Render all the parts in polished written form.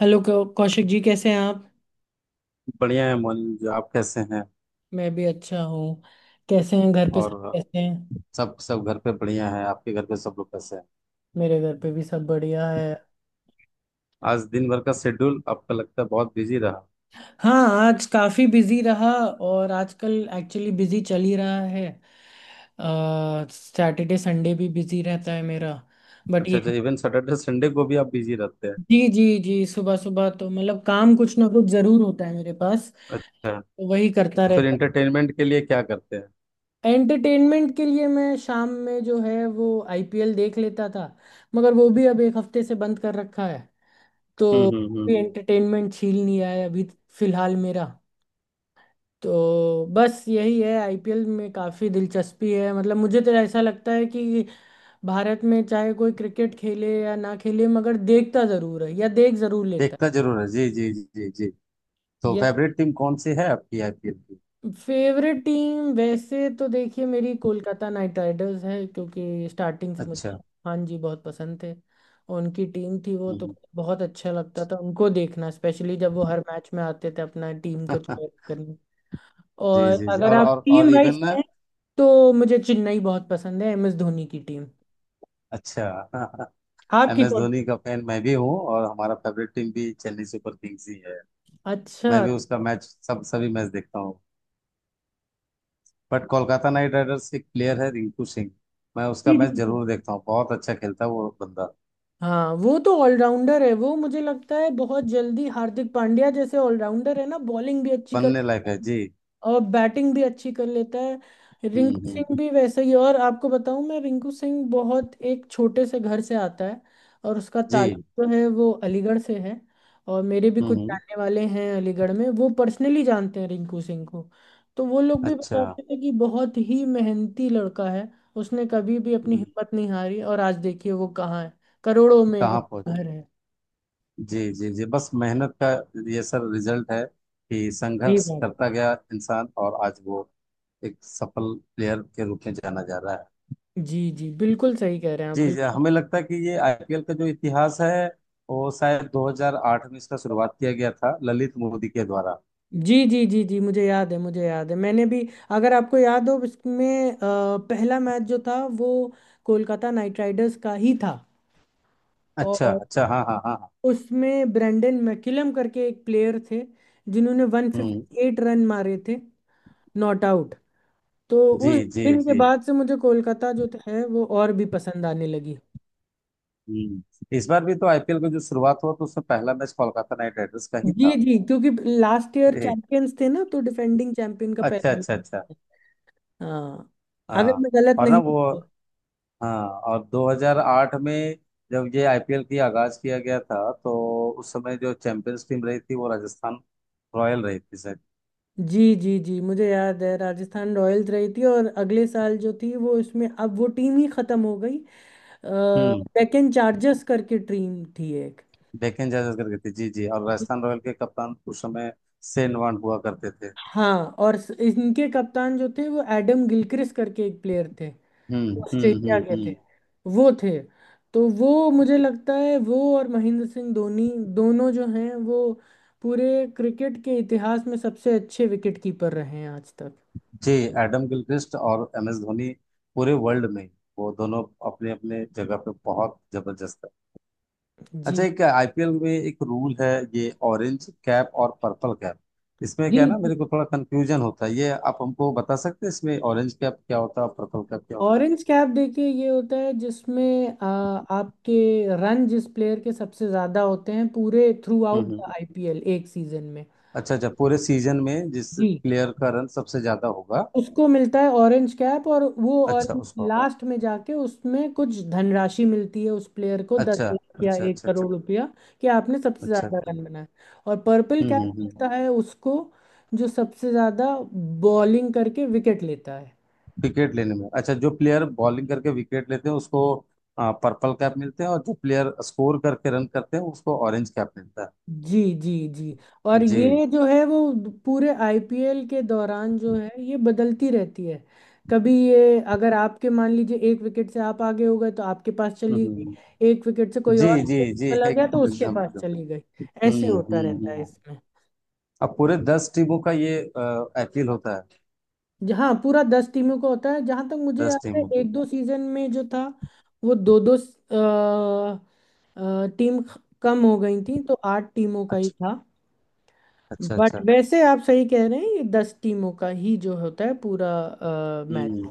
Hello Kaushik ji कैसे हैं आप। बढ़िया है मोनी जी। आप कैसे हैं। मैं भी अच्छा हूँ। कैसे हैं, घर पे सब और कैसे हैं। सब सब घर पे बढ़िया है। आपके घर पे सब लोग कैसे हैं। मेरे घर पे भी सब बढ़िया है। आज दिन भर का शेड्यूल आपका लगता है बहुत बिजी रहा। हाँ आज काफ़ी बिजी रहा और आजकल एक्चुअली बिजी चल ही रहा है। सैटरडे संडे भी बिजी रहता है मेरा, बट अच्छा ये। अच्छा, इवन सैटरडे संडे को भी आप बिजी रहते हैं। जी जी जी, सुबह सुबह तो मतलब काम कुछ ना कुछ ज़रूर होता है मेरे पास, तो अच्छा। वही करता फिर रहता इंटरटेनमेंट के लिए क्या करते हैं। है। एंटरटेनमेंट के लिए मैं शाम में जो है वो आईपीएल देख लेता था, मगर वो भी अब एक हफ्ते से बंद कर रखा है हम्म तो हम्म हम्म काफी हम्म। एंटरटेनमेंट छील लिया है अभी। फिलहाल मेरा तो बस यही है, आईपीएल में काफी दिलचस्पी है। मतलब मुझे तो ऐसा लगता है कि भारत में चाहे कोई क्रिकेट खेले या ना खेले मगर देखता जरूर है या देख जरूर लेता देखता जरूर है। जी जी जी जी जी। है, तो या फेवरेट टीम कौन सी है आपकी आईपीएल की। फेवरेट टीम वैसे तो देखिए मेरी कोलकाता नाइट राइडर्स है क्योंकि स्टार्टिंग से मुझे अच्छा। खान जी बहुत पसंद थे। उनकी टीम थी वो, तो हम्म। बहुत अच्छा लगता था उनको देखना, स्पेशली जब वो हर मैच में आते थे अपना टीम को हम्म। cheer करने। जी और जी जी। अगर और आप और और टीम वाइज इवन ना, हैं तो मुझे चेन्नई बहुत पसंद है, एम एस धोनी की टीम। अच्छा। एम आपकी एस कौन। धोनी का फैन मैं भी हूँ और हमारा फेवरेट टीम भी चेन्नई सुपर किंग्स ही है। मैं अच्छा। भी उसका मैच, सब सभी मैच देखता हूँ। बट कोलकाता नाइट राइडर्स एक प्लेयर है रिंकू सिंह। मैं उसका जी जी मैच जी। जरूर देखता हूँ, बहुत अच्छा खेलता है वो बंदा, हाँ, वो तो ऑलराउंडर है, वो मुझे लगता है बहुत जल्दी हार्दिक पांड्या जैसे ऑलराउंडर है ना, बॉलिंग भी अच्छी कर बनने लायक है जी। और बैटिंग भी अच्छी कर लेता है हम्म रिंकू सिंह हम्म भी वैसे ही। और आपको बताऊं मैं, रिंकू सिंह बहुत एक छोटे से घर से आता है और उसका ताल्लुक जी। जो है वो अलीगढ़ से है। और मेरे भी कुछ हम्म। जानने वाले हैं अलीगढ़ में, वो पर्सनली जानते हैं रिंकू सिंह को। तो वो लोग भी अच्छा। बताते थे कि बहुत ही मेहनती लड़का है। उसने कभी भी अपनी हम्म, हिम्मत नहीं हारी और आज देखिए वो कहाँ है, करोड़ों में कहाँ पहुंच। उसका घर है। जी जी जी, बस मेहनत का ये सर रिजल्ट है कि सही संघर्ष बात। करता गया इंसान और आज वो एक सफल प्लेयर के रूप में जाना जा रहा है। जी जी बिल्कुल सही कह रहे हैं आप, जी जी, बिल्कुल। हमें लगता है कि ये आईपीएल का जो इतिहास है, वो शायद 2008 में इसका शुरुआत किया गया था ललित मोदी के द्वारा। जी जी जी जी, मुझे याद है, मुझे याद है, मैंने भी, अगर आपको याद हो इसमें पहला मैच जो था वो कोलकाता नाइट राइडर्स का ही था। अच्छा और अच्छा, हाँ हाँ हाँ हाँ, उसमें ब्रेंडन मैकुलम करके एक प्लेयर थे जिन्होंने हम्म। 158 रन मारे थे, नॉट आउट। तो जी उस जी दिन के जी। बाद से मुझे कोलकाता जो है वो और भी पसंद आने लगी। हम्म, इस बार भी तो आईपीएल की जो शुरुआत हुआ तो उसमें पहला मैच कोलकाता नाइट राइडर्स का ही जी था। जी, क्योंकि लास्ट ईयर ए, चैंपियंस थे ना तो डिफेंडिंग चैंपियन का अच्छा पहला मैच अच्छा अच्छा। था। हाँ, अगर हाँ, मैं गलत और ना नहीं। वो, हाँ, और 2008 में जब ये आईपीएल की आगाज किया गया था, तो उस समय जो चैंपियंस टीम रही थी वो राजस्थान रॉयल रही थी सर। जी जी जी मुझे याद है, राजस्थान रॉयल्स रही थी, और अगले साल जो थी वो इसमें अब वो टीम ही खत्म हो गई, हम्म। डेक्कन चार्जर्स करके टीम थी एक। डेक्कन चार्जर्स करके थी जी जी। और राजस्थान रॉयल के कप्तान उस समय शेन वॉर्न हुआ करते थे। हाँ, और इनके कप्तान जो थे वो एडम गिलक्रिस्ट करके एक प्लेयर थे, ऑस्ट्रेलिया के थे हम्म। वो थे। तो वो मुझे लगता है वो और महेंद्र सिंह धोनी दोनों जो हैं वो पूरे क्रिकेट के इतिहास में सबसे अच्छे विकेट कीपर रहे हैं आज तक। जी। एडम गिलक्रिस्ट और एम एस धोनी पूरे वर्ल्ड में, वो दोनों अपने अपने जगह पे बहुत जबरदस्त है। अच्छा, जी एक आईपीएल में एक रूल है, ये ऑरेंज कैप और पर्पल कैप। इसमें जी। क्या है ना, मेरे को थोड़ा कंफ्यूजन होता है, ये आप हमको बता सकते हैं, इसमें ऑरेंज कैप क्या होता है और पर्पल कैप क्या होता है। ऑरेंज कैप देखिए ये होता है जिसमें आपके रन जिस प्लेयर के सबसे ज्यादा होते हैं पूरे थ्रू हम्म आउट हम्म। द आईपीएल एक सीजन में। अच्छा अच्छा, पूरे सीजन में जिस जी। प्लेयर का रन सबसे ज्यादा होगा। उसको मिलता है ऑरेंज कैप, और वो अच्छा, ऑरेंज उसको। लास्ट में जाके उसमें कुछ धनराशि मिलती है उस प्लेयर को, दस अच्छा लाख या अच्छा एक अच्छा। करोड़ अच्छा रुपया कि आपने सबसे अच्छा। ज्यादा अच्छा। रन बनाए। और पर्पल कैप हम्म। मिलता है उसको जो सबसे ज्यादा बॉलिंग करके विकेट लेता है। विकेट लेने में, अच्छा, जो प्लेयर बॉलिंग करके विकेट लेते हैं उसको पर्पल कैप मिलते हैं, और जो प्लेयर स्कोर करके रन करते हैं उसको ऑरेंज कैप मिलता जी जी जी। है और जी। ये जो है वो पूरे आईपीएल के दौरान जो है ये बदलती रहती है। कभी ये अगर आपके, मान लीजिए, एक विकेट से आप आगे हो गए तो आपके पास चली हम्म। गई, एक विकेट से कोई जी और जी आगे जी चला गया तो एकदम उसके एकदम पास एकदम। चली गई। ऐसे हम्म होता हम्म रहता है हम्म। इसमें। अब पूरे दस टीमों का ये अपील होता है। जहाँ पूरा 10 टीमों का होता है, जहाँ तक मुझे दस याद है टीमों का। एक दो सीजन में जो था वो दो दो टीम कम हो गई थी तो आठ टीमों का ही अच्छा था। अच्छा बट अच्छा। वैसे आप सही कह रहे हैं, ये 10 टीमों का ही जो होता है पूरा मैच। हम्म।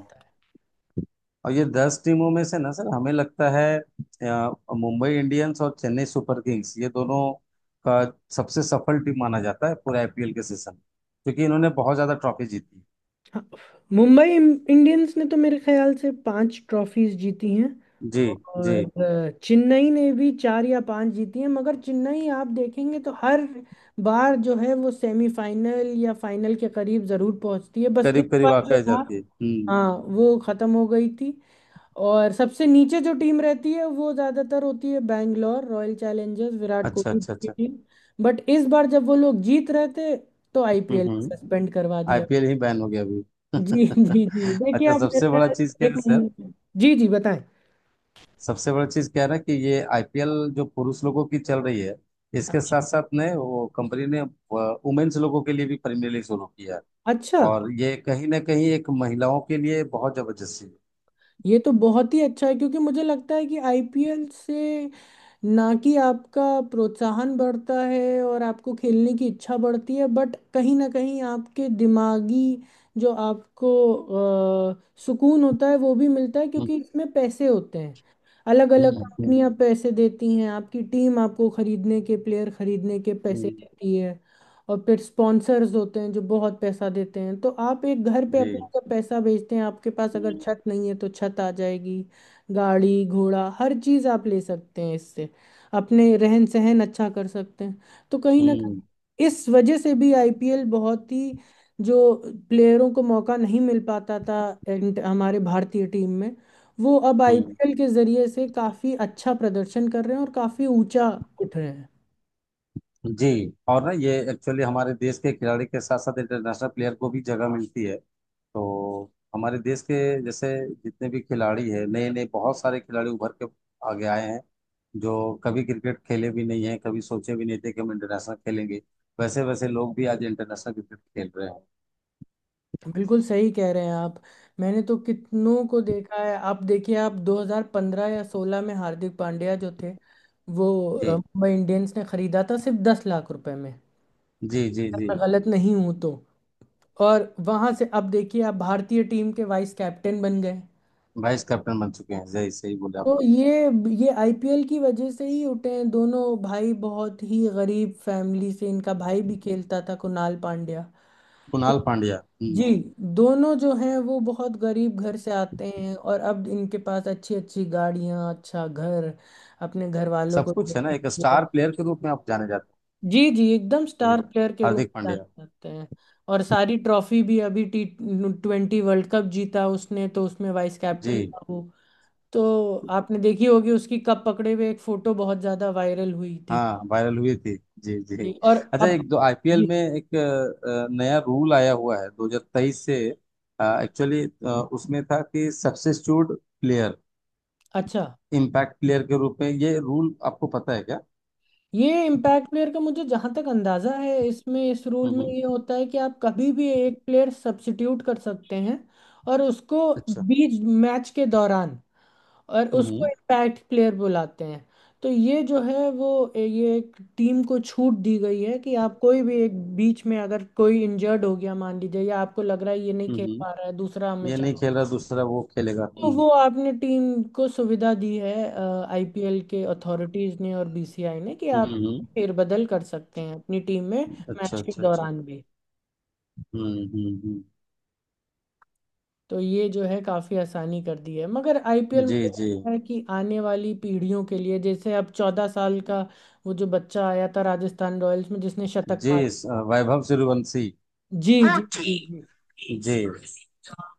और ये दस टीमों में से ना सर, हमें लगता है मुंबई इंडियंस और चेन्नई सुपर किंग्स ये दोनों का सबसे सफल टीम माना जाता है पूरे आईपीएल के सीजन में। क्योंकि इन्होंने बहुत ज्यादा ट्रॉफी जीती हाँ, मुंबई इंडियंस ने तो मेरे ख्याल से पांच ट्रॉफीज जीती हैं, जी और जी। चेन्नई ने भी चार या पांच जीती हैं, मगर चेन्नई आप देखेंगे तो हर बार जो है वो सेमीफाइनल या फाइनल के करीब जरूर पहुंचती है, बस इस करीब करीब बार आके जो आ था। जाती है। हम्म। हाँ, वो खत्म हो गई थी। और सबसे नीचे जो टीम रहती है वो ज्यादातर होती है बैंगलोर रॉयल चैलेंजर्स, विराट अच्छा कोहली अच्छा की अच्छा। टीम। बट इस बार जब वो लोग जीत रहे थे तो आईपीएल हम्म। सस्पेंड करवा दिया। आईपीएल ही बैन हो गया अभी। जी जी जी देखिए अच्छा, आप, मेरे सबसे बड़ा ख्याल चीज से क्या एक है सर। महीने। जी जी बताएं। सबसे बड़ा चीज क्या है ना कि ये आईपीएल जो पुरुष लोगों की चल रही है, इसके अच्छा साथ साथ ने वो कंपनी ने वुमेन्स लोगों के लिए भी प्रीमियर लीग शुरू किया है। अच्छा, और ये कहीं ना कहीं एक महिलाओं के लिए बहुत जबरदस्ती है। ये तो बहुत ही अच्छा है क्योंकि मुझे लगता है कि आईपीएल से ना कि आपका प्रोत्साहन बढ़ता है और आपको खेलने की इच्छा बढ़ती है, बट कहीं ना कहीं आपके दिमागी जो आपको सुकून होता है वो भी मिलता है हम्म क्योंकि इसमें पैसे होते हैं। अलग हम्म अलग हम्म कंपनियां पैसे देती हैं, आपकी टीम आपको खरीदने के, प्लेयर खरीदने के पैसे हम्म। देती है, और फिर स्पॉन्सर्स होते हैं जो बहुत पैसा देते हैं। तो आप एक घर पे अपना जी। का पैसा भेजते हैं, आपके पास अगर छत नहीं है तो छत आ जाएगी, गाड़ी घोड़ा हर चीज आप ले सकते हैं इससे, अपने रहन सहन अच्छा कर सकते हैं। तो कहीं ना हम्म कहीं इस वजह से भी आईपीएल बहुत ही, जो प्लेयरों को मौका नहीं मिल पाता था and हमारे भारतीय टीम में, वो अब हम्म, आईपीएल के जरिए से काफी अच्छा प्रदर्शन कर रहे हैं और काफी ऊंचा उठ रहे हैं। जी। और ना ये एक्चुअली हमारे देश के खिलाड़ी के साथ साथ इंटरनेशनल प्लेयर को भी जगह मिलती है। तो हमारे देश के, जैसे, जितने भी खिलाड़ी हैं, नए नए बहुत सारे खिलाड़ी उभर के आगे आए हैं, जो कभी क्रिकेट खेले भी नहीं हैं, कभी सोचे भी नहीं थे कि हम इंटरनेशनल खेलेंगे, वैसे वैसे लोग भी आज इंटरनेशनल क्रिकेट खेल रहे हैं। बिल्कुल सही कह रहे हैं आप। मैंने तो कितनों को देखा है, आप देखिए आप 2015 या 16 में हार्दिक पांड्या जो थे वो जी मुंबई इंडियंस ने खरीदा था सिर्फ 10 लाख रुपए में, जी जी अगर जी। मैं गलत नहीं हूं तो। और वहां से अब देखिए आप भारतीय टीम के वाइस कैप्टन बन गए। वाइस कैप्टन बन चुके हैं, सही सही बोले आप। तो ये आईपीएल की वजह से ही उठे हैं दोनों भाई, बहुत ही गरीब फैमिली से। इनका भाई भी खेलता था, कुणाल पांड्या। कुणाल पांड्या। हम्म, जी, दोनों जो हैं वो बहुत गरीब घर से आते हैं, और अब इनके पास अच्छी अच्छी गाड़ियां, अच्छा घर, अपने घर वालों को सब कुछ है ना, देखने एक के लिए। स्टार प्लेयर के रूप में आप जाने जाते जी जी एकदम हैं। स्टार प्लेयर के रूप हार्दिक में जाने पांड्या। जाते हैं। और सारी ट्रॉफी भी, अभी T20 वर्ल्ड कप जीता उसने तो उसमें वाइस कैप्टन जी। था वो। तो आपने देखी होगी उसकी कप पकड़े हुए एक फोटो, बहुत ज्यादा वायरल हुई थी। हाँ वायरल हुई थी। जी जी। जी, और अच्छा, अब। एक दो आईपीएल जी। में एक नया रूल आया हुआ है 2023 से, एक्चुअली। उसमें था कि सब्स्टिट्यूट प्लेयर, अच्छा। इम्पैक्ट प्लेयर के रूप में, ये रूल आपको पता है क्या। ये इम्पैक्ट प्लेयर का मुझे जहां तक अंदाजा है, इसमें, इस रूल हम्म में ये हम्म, होता है कि आप कभी भी एक प्लेयर सब्स्टिट्यूट कर सकते हैं, और उसको अच्छा। बीच मैच के दौरान, और उसको हम्म इम्पैक्ट प्लेयर बुलाते हैं। तो ये जो है वो, ये एक टीम को छूट दी गई है कि आप कोई भी एक, बीच में अगर कोई इंजर्ड हो गया मान लीजिए, या आपको लग रहा है ये नहीं खेल हम्म, पा रहा है दूसरा हमें ये नहीं चाहिए, खेल रहा दूसरा वो खेलेगा। तो वो आपने टीम को सुविधा दी है आईपीएल के अथॉरिटीज ने और बीसीआई ने, कि हम्म आप हम्म। फेरबदल कर सकते हैं अपनी टीम में अच्छा मैच के अच्छा अच्छा। दौरान भी। हम्म हम्म। तो ये जो है काफी आसानी कर दी है। मगर आईपीएल जी मुझे जी लगता है कि आने वाली पीढ़ियों के लिए, जैसे अब 14 साल का वो जो बच्चा आया था राजस्थान रॉयल्स में जिसने शतक जी। मारा, वैभव सूर्यवंशी जी जी जी जी, जी।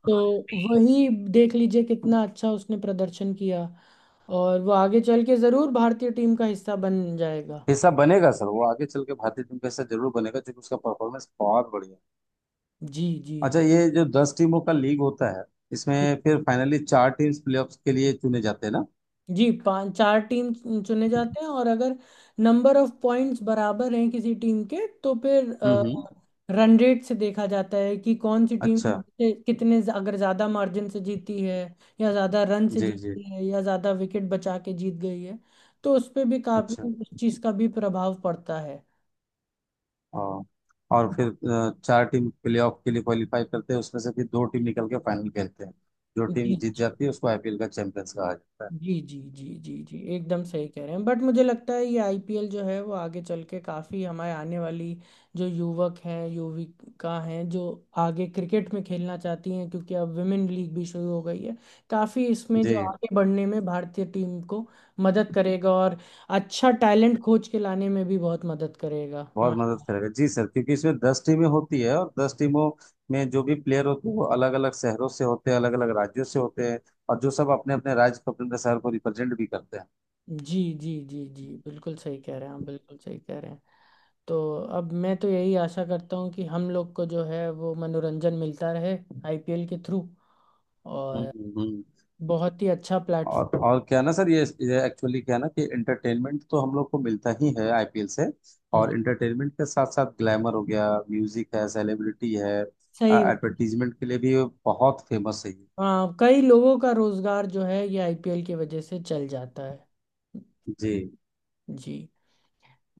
तो वही देख लीजिए कितना अच्छा उसने प्रदर्शन किया और वो आगे चल के जरूर भारतीय टीम का हिस्सा बन जाएगा। हिस्सा बनेगा सर, वो आगे चल के भारतीय टीम का हिस्सा जरूर बनेगा क्योंकि उसका परफॉर्मेंस बहुत बढ़िया है। जी जी अच्छा, जी ये जो दस टीमों का लीग होता है, इसमें फिर फाइनली चार टीम्स प्लेऑफ्स के लिए चुने जाते हैं ना। जी पांच चार टीम चुने जाते हैं, और अगर नंबर ऑफ पॉइंट्स बराबर हैं किसी टीम के तो फिर हम्म। रन रेट से देखा जाता है कि कौन सी टीम अच्छा। कितने अगर ज़्यादा मार्जिन से जीती है, या ज़्यादा रन से जी जी। जीती है, या ज़्यादा विकेट बचा के जीत गई है, तो उस पे भी काफ़ी अच्छा, उस चीज़ का भी प्रभाव पड़ता है। और और फिर चार टीम प्लेऑफ के लिए क्वालिफाई करते हैं, उसमें से फिर दो टीम निकल के फाइनल खेलते हैं। जो टीम जीत जी जाती है उसको आईपीएल का चैंपियंस कहा जाता है। जी जी जी जी जी एकदम सही कह रहे हैं। बट मुझे लगता है ये आईपीएल जो है वो आगे चल के काफ़ी हमारे आने वाली जो युवक हैं, युविका हैं, जो आगे क्रिकेट में खेलना चाहती हैं क्योंकि अब विमेन लीग भी शुरू हो गई है, काफ़ी इसमें जो जी। आगे बढ़ने में भारतीय टीम को मदद करेगा, और अच्छा टैलेंट खोज के लाने में भी बहुत मदद करेगा बहुत हमारे। मदद करेगा जी सर, क्योंकि इसमें दस टीमें होती है और दस टीमों में जो भी प्लेयर होते हैं वो अलग अलग शहरों से होते हैं, अलग अलग राज्यों से होते हैं, और जो सब अपने अपने राज्य को, अपने अपने शहर को रिप्रेजेंट भी करते हैं। जी जी जी जी बिल्कुल सही कह रहे हैं आप, बिल्कुल सही कह रहे हैं। तो अब मैं तो यही आशा करता हूँ कि हम लोग को जो है वो मनोरंजन मिलता रहे आईपीएल के थ्रू, और हम्म। बहुत ही अच्छा प्लेटफॉर्म। और क्या है ना सर, ये एक्चुअली क्या है ना कि एंटरटेनमेंट तो हम लोग को मिलता ही है आईपीएल से, हम्म, और एंटरटेनमेंट के साथ साथ ग्लैमर हो गया, म्यूजिक है, सेलिब्रिटी है, सही बात। एडवर्टीजमेंट के लिए भी ये बहुत फेमस है ये। हाँ कई लोगों का रोजगार जो है ये आईपीएल की वजह से चल जाता है। जी जी